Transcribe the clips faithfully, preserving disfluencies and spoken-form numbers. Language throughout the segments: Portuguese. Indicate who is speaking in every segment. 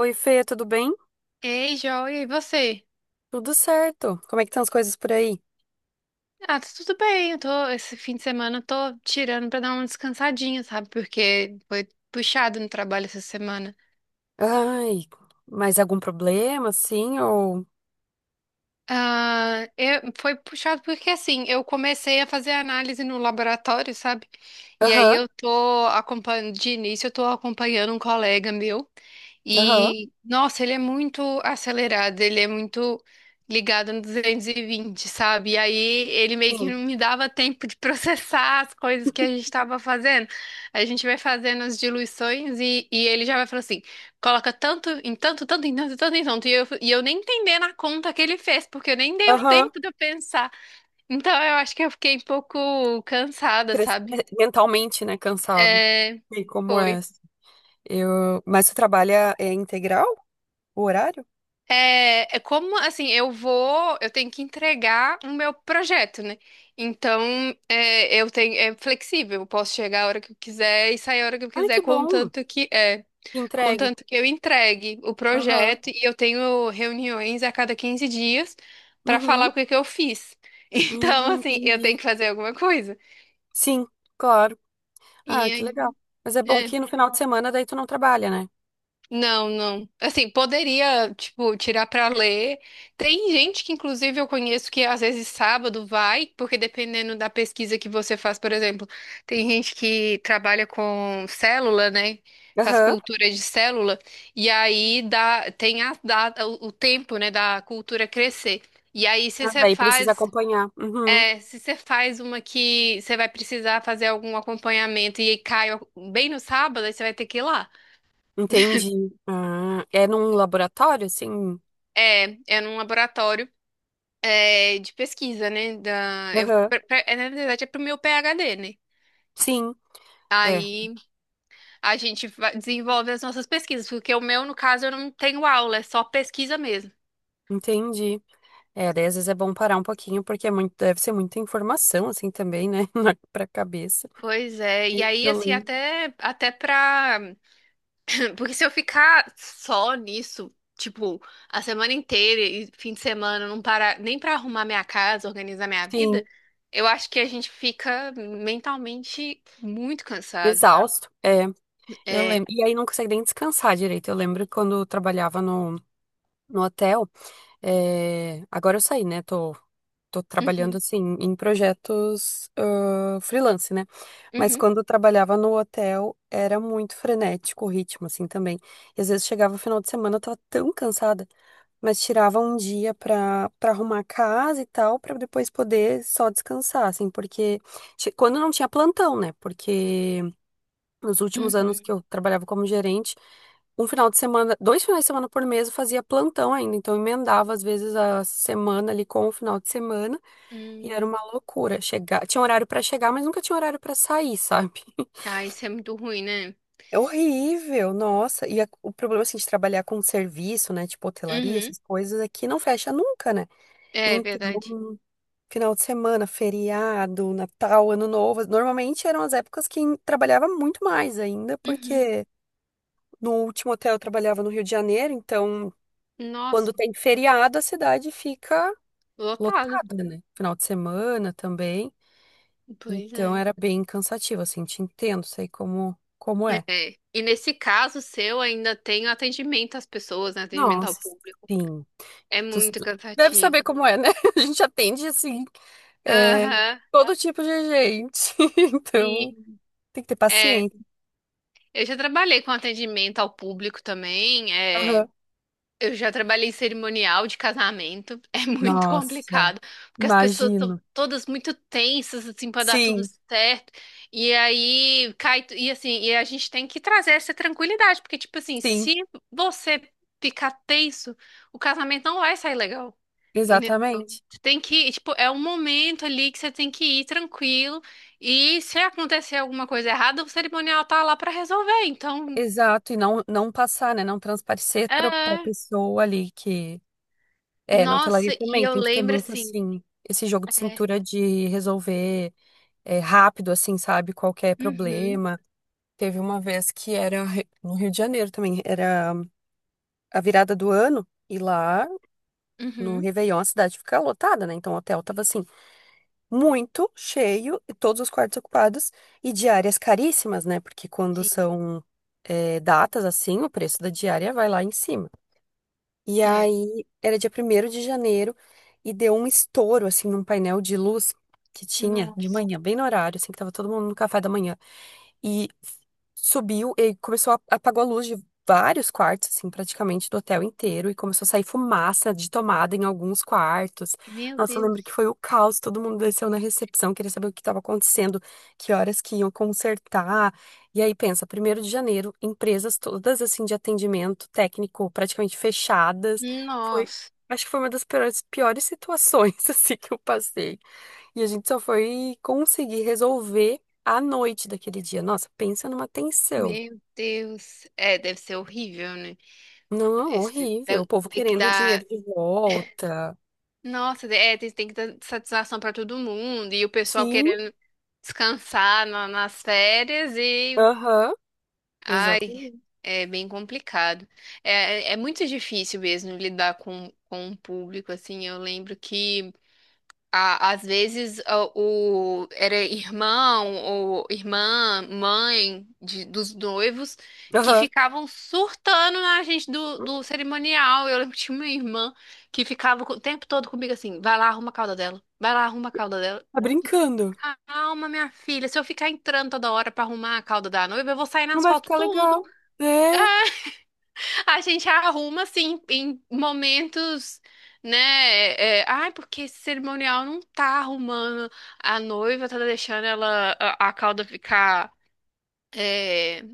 Speaker 1: Oi, Fê, tudo bem?
Speaker 2: Ei, joia, e você?
Speaker 1: Tudo certo. Como é que estão as coisas por aí?
Speaker 2: Ah, tá tudo bem. Eu tô, esse fim de semana eu tô tirando pra dar uma descansadinha, sabe? Porque foi puxado no trabalho essa semana.
Speaker 1: Ai, mas algum problema, assim, ou...
Speaker 2: Ah, eu- foi puxado porque assim, eu comecei a fazer análise no laboratório, sabe? E aí
Speaker 1: Aham,
Speaker 2: eu tô acompanhando, de início eu tô acompanhando um colega meu.
Speaker 1: aham,
Speaker 2: E, nossa, ele é muito acelerado, ele é muito ligado no duzentos e vinte, sabe? E aí ele meio que
Speaker 1: sim.
Speaker 2: não me dava tempo de processar as coisas que a gente estava fazendo. A gente vai fazendo as diluições e, e ele já vai falando assim: coloca tanto em tanto, tanto em tanto, tanto em tanto. E eu, e eu nem entendendo a conta que ele fez, porque eu nem dei o
Speaker 1: Aham,
Speaker 2: tempo de eu pensar. Então eu acho que eu fiquei um pouco cansada,
Speaker 1: cres- é,
Speaker 2: sabe?
Speaker 1: mentalmente, né, cansado.
Speaker 2: É,
Speaker 1: E como é?
Speaker 2: foi.
Speaker 1: Eu... Mas você trabalha é integral, o horário?
Speaker 2: É, é como assim, eu vou, eu tenho que entregar o meu projeto, né? Então, é, eu tenho, é flexível, eu posso chegar a hora que eu quiser e sair a hora que eu
Speaker 1: Ai,
Speaker 2: quiser,
Speaker 1: que bom.
Speaker 2: contanto que é,
Speaker 1: Entregue.
Speaker 2: contanto que eu entregue o
Speaker 1: Aham,
Speaker 2: projeto e eu tenho reuniões a cada quinze dias para
Speaker 1: uhum,
Speaker 2: falar o que que eu fiz. Então,
Speaker 1: uhum,
Speaker 2: assim, eu tenho
Speaker 1: entendi.
Speaker 2: que fazer alguma coisa.
Speaker 1: Sim, claro. Ah,
Speaker 2: E
Speaker 1: que legal.
Speaker 2: aí,
Speaker 1: Mas é bom
Speaker 2: é.
Speaker 1: que no final de semana daí tu não trabalha, né?
Speaker 2: Não, não. Assim, poderia, tipo, tirar pra ler. Tem gente que, inclusive, eu conheço que às vezes sábado vai, porque dependendo da pesquisa que você faz, por exemplo, tem gente que trabalha com célula, né? Faz
Speaker 1: Aham.
Speaker 2: cultura de célula, e aí dá, tem a, dá, o o tempo, né, da cultura crescer. E aí, se
Speaker 1: Ah,
Speaker 2: você
Speaker 1: daí precisa
Speaker 2: faz,
Speaker 1: acompanhar. Uhum.
Speaker 2: é, se você faz uma que você vai precisar fazer algum acompanhamento e aí cai bem no sábado, aí você vai ter que ir lá.
Speaker 1: Entendi. Ah, é num laboratório, assim?
Speaker 2: É é num laboratório. É, de pesquisa, né? Da, eu,
Speaker 1: Aham.
Speaker 2: pra- pra- é, Na verdade, é pro meu P H D, né?
Speaker 1: Sim, é,
Speaker 2: Aí a gente va- desenvolve as nossas pesquisas, porque o meu, no caso, eu não tenho aula, é só pesquisa mesmo.
Speaker 1: entendi. É, daí às vezes é bom parar um pouquinho, porque é muito, deve ser muita informação, assim, também, né? na- Pra cabeça.
Speaker 2: Pois é, e
Speaker 1: E
Speaker 2: aí,
Speaker 1: eu
Speaker 2: assim,
Speaker 1: lembro.
Speaker 2: até, até pra. Porque se eu ficar só nisso, tipo, a semana inteira e fim de semana, não parar nem pra arrumar minha casa, organizar minha
Speaker 1: Sim,
Speaker 2: vida, eu acho que a gente fica mentalmente muito cansado.
Speaker 1: exausto. É, eu
Speaker 2: É.
Speaker 1: lembro. E aí não consegue nem descansar direito. Eu lembro quando eu trabalhava no, no hotel. É, agora eu saí, né? Tô tô trabalhando
Speaker 2: Uhum,
Speaker 1: assim em projetos ah, freelance, né? Mas
Speaker 2: uhum,
Speaker 1: quando eu trabalhava no hotel era muito frenético o ritmo, assim também. E às vezes chegava o final de semana, eu tava tão cansada, mas tirava um dia pra, pra arrumar a casa e tal, pra depois poder só descansar, assim, porque ti- quando não tinha plantão, né? Porque nos últimos anos que
Speaker 2: uhum.
Speaker 1: eu trabalhava como gerente, um final de semana, dois finais de semana por mês eu fazia plantão ainda, então eu emendava às vezes a semana ali com o final de semana. E era
Speaker 2: Hum.
Speaker 1: uma loucura chegar. Tinha horário pra chegar, mas nunca tinha horário pra sair, sabe?
Speaker 2: Ah, isso é muito ruim, né?
Speaker 1: É horrível, nossa. E a- o problema assim de trabalhar com serviço, né, tipo hotelaria,
Speaker 2: Uhum.
Speaker 1: essas coisas aqui não fecha nunca, né?
Speaker 2: É verdade.
Speaker 1: Então, final de semana, feriado, Natal, Ano Novo, normalmente eram as épocas que trabalhava muito mais ainda,
Speaker 2: Uhum.
Speaker 1: porque no último hotel eu trabalhava no Rio de Janeiro, então quando
Speaker 2: Nossa,
Speaker 1: tem feriado a cidade fica
Speaker 2: lotado.
Speaker 1: lotada, né? Final de semana também.
Speaker 2: Pois
Speaker 1: Então
Speaker 2: é.
Speaker 1: era bem cansativo, assim, te entendo, sei como, como é.
Speaker 2: É. E nesse caso seu, ainda tem o atendimento às pessoas, né? Atendimento ao
Speaker 1: Nossa.
Speaker 2: público.
Speaker 1: Sim,
Speaker 2: É
Speaker 1: tu s-
Speaker 2: muito
Speaker 1: tu deve saber
Speaker 2: cansativo.
Speaker 1: como é, né? A gente atende, assim, é,
Speaker 2: Aham.
Speaker 1: todo tipo de gente, então
Speaker 2: Sim.
Speaker 1: tem que ter
Speaker 2: É.
Speaker 1: paciência.
Speaker 2: Eu já trabalhei com atendimento ao público também. É.
Speaker 1: Aham.
Speaker 2: Eu já trabalhei em cerimonial de casamento, é muito
Speaker 1: Nossa,
Speaker 2: complicado, porque as pessoas estão
Speaker 1: imagino.
Speaker 2: todas muito tensas, assim, para dar tudo
Speaker 1: Sim,
Speaker 2: certo, e aí cai, tu- e assim, e a gente tem que trazer essa tranquilidade, porque, tipo assim,
Speaker 1: sim,
Speaker 2: se você ficar tenso, o casamento não vai sair legal, entendeu?
Speaker 1: exatamente.
Speaker 2: Você tem que, tipo, é um momento ali que você tem que ir tranquilo, e se acontecer alguma coisa errada, o cerimonial tá lá para resolver, então,
Speaker 1: Exato, e não, não passar, né? Não transparecer para a
Speaker 2: é.
Speaker 1: pessoa ali que. É, na
Speaker 2: Nossa,
Speaker 1: hotelaria também
Speaker 2: e eu
Speaker 1: tem que ter
Speaker 2: lembro
Speaker 1: muito,
Speaker 2: assim.
Speaker 1: assim, esse jogo de
Speaker 2: É,
Speaker 1: cintura de resolver. É, rápido, assim, sabe? Qualquer
Speaker 2: uhum,
Speaker 1: problema. Teve uma vez que era re- no Rio de Janeiro também, era a virada do ano, e lá no
Speaker 2: uhum.
Speaker 1: Réveillon a cidade fica lotada, né? Então o hotel tava assim, muito cheio, e todos os quartos ocupados, e diárias caríssimas, né? Porque quando
Speaker 2: Sim,
Speaker 1: são é, datas assim, o preço da diária vai lá em cima. E
Speaker 2: é.
Speaker 1: aí era dia primeiro de janeiro, e deu um estouro, assim, num painel de luz que tinha de
Speaker 2: Nossa,
Speaker 1: manhã, bem no horário, assim, que tava todo mundo no café da manhã. E subiu e começou a apagou a luz de vários quartos, assim, praticamente do hotel inteiro e começou a sair fumaça de tomada em alguns quartos.
Speaker 2: meu
Speaker 1: Nossa, eu lembro que
Speaker 2: Deus.
Speaker 1: foi o caos, todo mundo desceu na recepção, queria saber o que estava acontecendo, que horas que iam consertar. E aí pensa, primeiro de janeiro, empresas todas assim de atendimento técnico praticamente fechadas. Foi,
Speaker 2: Nossa,
Speaker 1: acho que foi uma das piores, piores situações assim que eu passei. E a gente só foi conseguir resolver à noite daquele dia. Nossa, pensa numa tensão.
Speaker 2: meu Deus. É, deve ser horrível, né?
Speaker 1: Não,
Speaker 2: Esse,
Speaker 1: horrível. O
Speaker 2: deve-
Speaker 1: povo
Speaker 2: tem que
Speaker 1: querendo o
Speaker 2: dar.
Speaker 1: dinheiro de volta.
Speaker 2: Nossa, é, tem, tem que dar satisfação pra todo mundo. E o pessoal
Speaker 1: Sim,
Speaker 2: querendo descansar na- nas férias e.
Speaker 1: aham,
Speaker 2: Ai,
Speaker 1: exatamente.
Speaker 2: é bem complicado. É, é é muito difícil mesmo lidar com, com o público, assim. Eu lembro que. a- Às vezes a- o, era irmão ou irmã, mãe de, dos noivos que
Speaker 1: Aham,
Speaker 2: ficavam surtando na gente do, do cerimonial. Eu lembro que tinha uma irmã que ficava co- o tempo todo comigo assim: vai lá, arruma a cauda dela, vai lá, arruma a cauda dela.
Speaker 1: tá brincando.
Speaker 2: Calma, minha filha, se eu ficar entrando toda hora pra arrumar a cauda da noiva, eu vou sair
Speaker 1: Não
Speaker 2: nas
Speaker 1: vai
Speaker 2: fotos
Speaker 1: ficar
Speaker 2: tudo.
Speaker 1: legal. É,
Speaker 2: A gente arruma assim em momentos, né? é, é, Ai, porque esse cerimonial não tá arrumando a noiva, tá deixando ela a, a cauda ficar, é,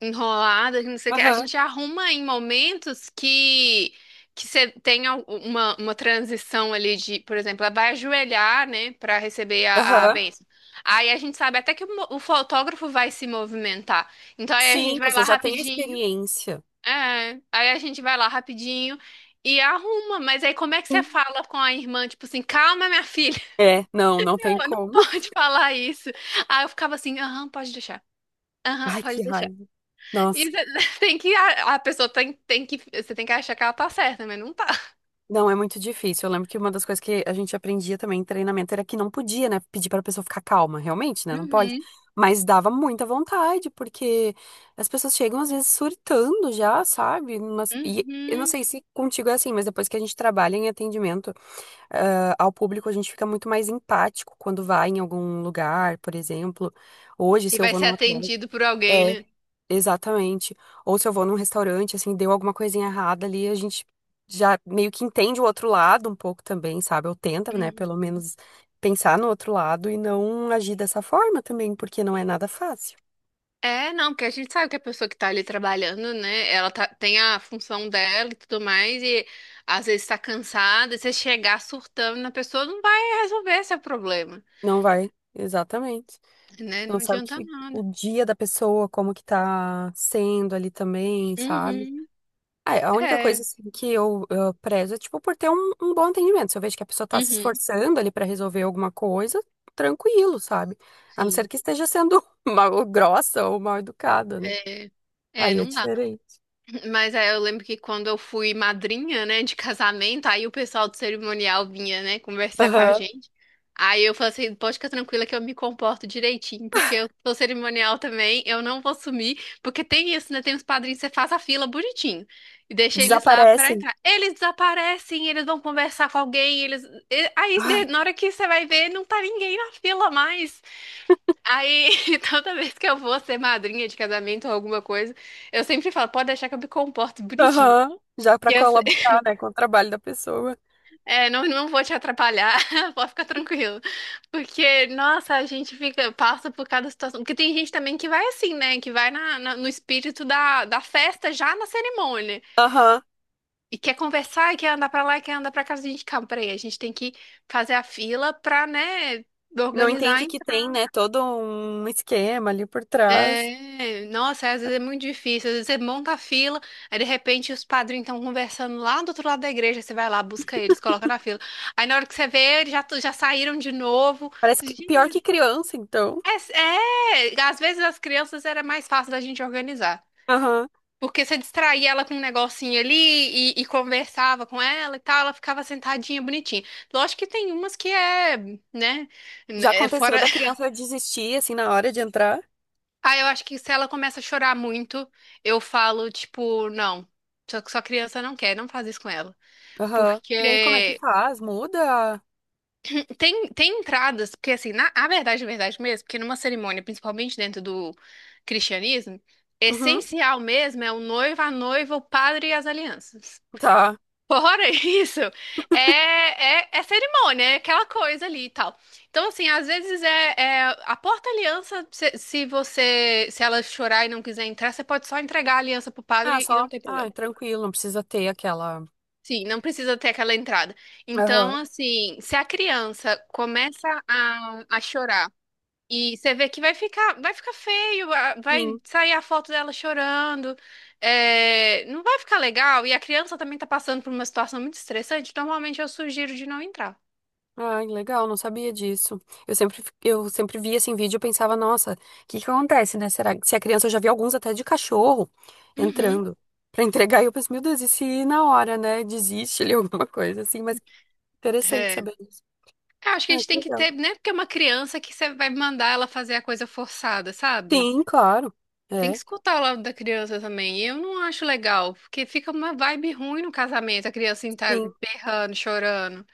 Speaker 2: enrolada, que não sei o que. A
Speaker 1: aham,
Speaker 2: gente arruma em momentos que que você tem al- uma, uma transição ali de, por exemplo, ela vai ajoelhar, né, para receber a, a
Speaker 1: aham.
Speaker 2: bênção. Aí a gente sabe até que o, mo- o fotógrafo vai se movimentar. Então aí a gente
Speaker 1: Sim,
Speaker 2: vai
Speaker 1: você
Speaker 2: lá
Speaker 1: já tem a
Speaker 2: rapidinho
Speaker 1: experiência.
Speaker 2: é, aí a gente vai lá rapidinho e arruma, mas aí como é que você
Speaker 1: Sim.
Speaker 2: fala com a irmã, tipo assim, calma, minha filha.
Speaker 1: É, não, não tem
Speaker 2: Eu não
Speaker 1: como.
Speaker 2: pode falar isso. Aí eu ficava assim, aham, pode deixar. Aham,
Speaker 1: Ai,
Speaker 2: pode
Speaker 1: que
Speaker 2: deixar.
Speaker 1: raiva.
Speaker 2: E
Speaker 1: Nossa.
Speaker 2: você tem que, a, a pessoa tem, tem que, você tem que achar que ela tá certa, mas não tá.
Speaker 1: Não, é muito difícil. Eu lembro que uma das coisas que a gente aprendia também em treinamento era que não podia, né, pedir para a pessoa ficar calma, realmente, né? Não pode.
Speaker 2: Uhum,
Speaker 1: Mas dava muita vontade, porque as pessoas chegam às vezes surtando já, sabe? Mas, e eu não
Speaker 2: uhum.
Speaker 1: sei se contigo é assim, mas depois que a gente trabalha em atendimento, ah, ao público, a gente fica muito mais empático quando vai em algum lugar, por exemplo. Hoje,
Speaker 2: E
Speaker 1: se eu
Speaker 2: vai
Speaker 1: vou
Speaker 2: ser
Speaker 1: num hotel
Speaker 2: atendido por alguém,
Speaker 1: é,
Speaker 2: né?
Speaker 1: exatamente. Ou se eu vou num restaurante, assim, deu alguma coisinha errada ali, a gente já meio que entende o outro lado um pouco também, sabe? Ou tenta, né, pelo
Speaker 2: Uhum.
Speaker 1: menos pensar no outro lado e não agir dessa forma também, porque não é nada fácil.
Speaker 2: É, não, porque a gente sabe que a pessoa que tá ali trabalhando, né, ela tá, tem a função dela e tudo mais, e às vezes tá cansada, e você chegar surtando na pessoa não vai resolver seu problema,
Speaker 1: Não vai, exatamente.
Speaker 2: né? Não
Speaker 1: Então, sabe
Speaker 2: adianta
Speaker 1: que
Speaker 2: nada.
Speaker 1: o dia da pessoa, como que tá sendo ali também, sabe?
Speaker 2: Uhum,
Speaker 1: Ah, é, a única
Speaker 2: é,
Speaker 1: coisa assim, que eu, eu prezo é tipo por ter um, um bom atendimento. Se eu vejo que a pessoa tá se
Speaker 2: uhum,
Speaker 1: esforçando ali pra resolver alguma coisa, tranquilo, sabe? A não ser
Speaker 2: sim,
Speaker 1: que esteja sendo mal grossa ou mal educada, né?
Speaker 2: é, é,
Speaker 1: Aí é
Speaker 2: não dá.
Speaker 1: diferente.
Speaker 2: Mas aí eu lembro que quando eu fui madrinha, né, de casamento, aí o pessoal do cerimonial vinha, né, conversar com a
Speaker 1: Aham.
Speaker 2: gente. Aí eu falei assim, pode ficar tranquila que eu me comporto direitinho, porque eu sou cerimonial também, eu não vou sumir, porque tem isso, né, tem os padrinhos, você faz a fila bonitinho e deixa eles lá pra
Speaker 1: Desaparecem.
Speaker 2: entrar. Eles desaparecem, eles vão conversar com alguém, eles. e- Aí de-
Speaker 1: Ai,
Speaker 2: na hora que você vai ver, não tá ninguém na fila mais. Aí, toda vez que eu vou ser madrinha de casamento ou alguma coisa, eu sempre falo, pode deixar que eu me comporto bonitinho.
Speaker 1: aham. Já pra
Speaker 2: Que eu, se-
Speaker 1: colaborar, né, com o trabalho da pessoa.
Speaker 2: É, não, não vou te atrapalhar. Pode ficar tranquilo. Porque, nossa, a gente fica, passa por cada situação. Porque tem gente também que vai assim, né? Que vai na, na- no espírito da, da festa já na cerimônia.
Speaker 1: Aham.
Speaker 2: E quer conversar, e quer andar pra lá, e quer andar pra casa. A gente, calma, peraí, a gente tem que fazer a fila pra, né,
Speaker 1: Não
Speaker 2: organizar.
Speaker 1: entende que tem, né, todo um esquema ali por trás.
Speaker 2: É, nossa, é, às vezes é muito difícil. Às vezes você monta a fila, aí de repente os padrinhos estão conversando lá do outro lado da igreja. Você vai lá, busca eles, coloca na fila. Aí na hora que você vê, eles já, tu- já saíram de novo.
Speaker 1: Parece que
Speaker 2: Gente,
Speaker 1: pior que criança, então.
Speaker 2: É, é, às vezes as crianças era mais fácil da gente organizar.
Speaker 1: Aham.
Speaker 2: Porque você distraía ela com um negocinho ali e, e conversava com ela e tal, ela ficava sentadinha, bonitinha. Lógico que tem umas que é, né,
Speaker 1: Já
Speaker 2: é
Speaker 1: aconteceu
Speaker 2: fora.
Speaker 1: da criança desistir assim na hora de entrar?
Speaker 2: Ah, eu acho que se ela começa a chorar muito, eu falo, tipo, não. Só que sua criança não quer, não faz isso com ela.
Speaker 1: Aham. E aí, como é que
Speaker 2: Porque
Speaker 1: faz? Muda?
Speaker 2: tem, tem entradas, porque assim, na a verdade, a verdade mesmo, porque numa cerimônia, principalmente dentro do cristianismo,
Speaker 1: Uhum.
Speaker 2: essencial mesmo é o noivo, a noiva, o padre e as alianças.
Speaker 1: Tá.
Speaker 2: Fora isso, é, é, é, cerimônia, é aquela coisa ali e tal. Então, assim, às vezes é, é a porta-aliança, se, se você, se ela chorar e não quiser entrar, você pode só entregar a aliança pro
Speaker 1: Ah,
Speaker 2: padre e não
Speaker 1: só.
Speaker 2: tem
Speaker 1: Ah,
Speaker 2: problema.
Speaker 1: tranquilo, não precisa ter aquela.
Speaker 2: Sim, não precisa ter aquela entrada. Então,
Speaker 1: Aham.
Speaker 2: assim, se a criança começa a, a chorar e você vê que vai ficar, vai ficar feio, a- vai
Speaker 1: Sim.
Speaker 2: sair a foto dela chorando, é, não vai ficar legal. E a criança também tá passando por uma situação muito estressante, normalmente eu sugiro de não entrar.
Speaker 1: Ai, legal, não sabia disso. Eu sempre, fi- eu sempre via esse vídeo e pensava, nossa, o que que acontece, né? Será que se a criança, eu já vi alguns até de cachorro
Speaker 2: Uhum.
Speaker 1: entrando pra entregar, e eu penso, meu Deus, e se na hora, né, desiste ali alguma coisa assim, mas interessante
Speaker 2: É.
Speaker 1: saber disso.
Speaker 2: Eu acho que a
Speaker 1: Ai,
Speaker 2: gente
Speaker 1: que
Speaker 2: tem que
Speaker 1: legal.
Speaker 2: ter, né? Porque é uma criança que você vai mandar ela fazer a coisa forçada, sabe?
Speaker 1: Sim, claro.
Speaker 2: Tem que
Speaker 1: É,
Speaker 2: escutar o lado da criança também. E eu não acho legal, porque fica uma vibe ruim no casamento, a criança assim, tá
Speaker 1: sim.
Speaker 2: berrando, chorando.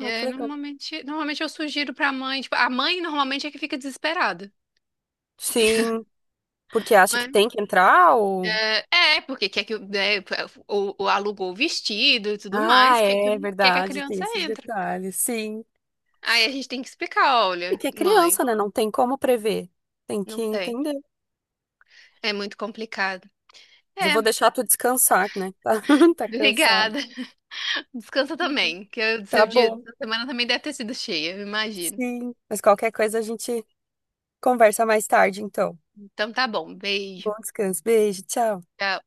Speaker 1: Ai, que legal.
Speaker 2: normalmente, normalmente eu sugiro pra mãe, tipo, a mãe normalmente é que fica desesperada.
Speaker 1: Sim, porque acha que
Speaker 2: Mas,
Speaker 1: tem que entrar ou.
Speaker 2: eh, é, porque quer que o- né, o, o- alugou o vestido e tudo
Speaker 1: Ah,
Speaker 2: mais, quer que,
Speaker 1: é
Speaker 2: quer que a
Speaker 1: verdade, tem
Speaker 2: criança
Speaker 1: esses
Speaker 2: entre.
Speaker 1: detalhes, sim.
Speaker 2: Aí a gente tem que explicar,
Speaker 1: É
Speaker 2: olha,
Speaker 1: que é
Speaker 2: mãe,
Speaker 1: criança, né? Não tem como prever. Tem
Speaker 2: não
Speaker 1: que
Speaker 2: tem.
Speaker 1: entender.
Speaker 2: É muito complicado.
Speaker 1: Mas eu
Speaker 2: É,
Speaker 1: vou deixar tu descansar, né? Tá, tá cansado.
Speaker 2: obrigada. Descansa também, que o seu
Speaker 1: Tá
Speaker 2: dia,
Speaker 1: bom.
Speaker 2: sua semana também deve ter sido cheia, eu imagino.
Speaker 1: Sim. Mas qualquer coisa a gente conversa mais tarde, então.
Speaker 2: Então tá bom, beijo.
Speaker 1: Bom descanso. Beijo, tchau.
Speaker 2: Tchau.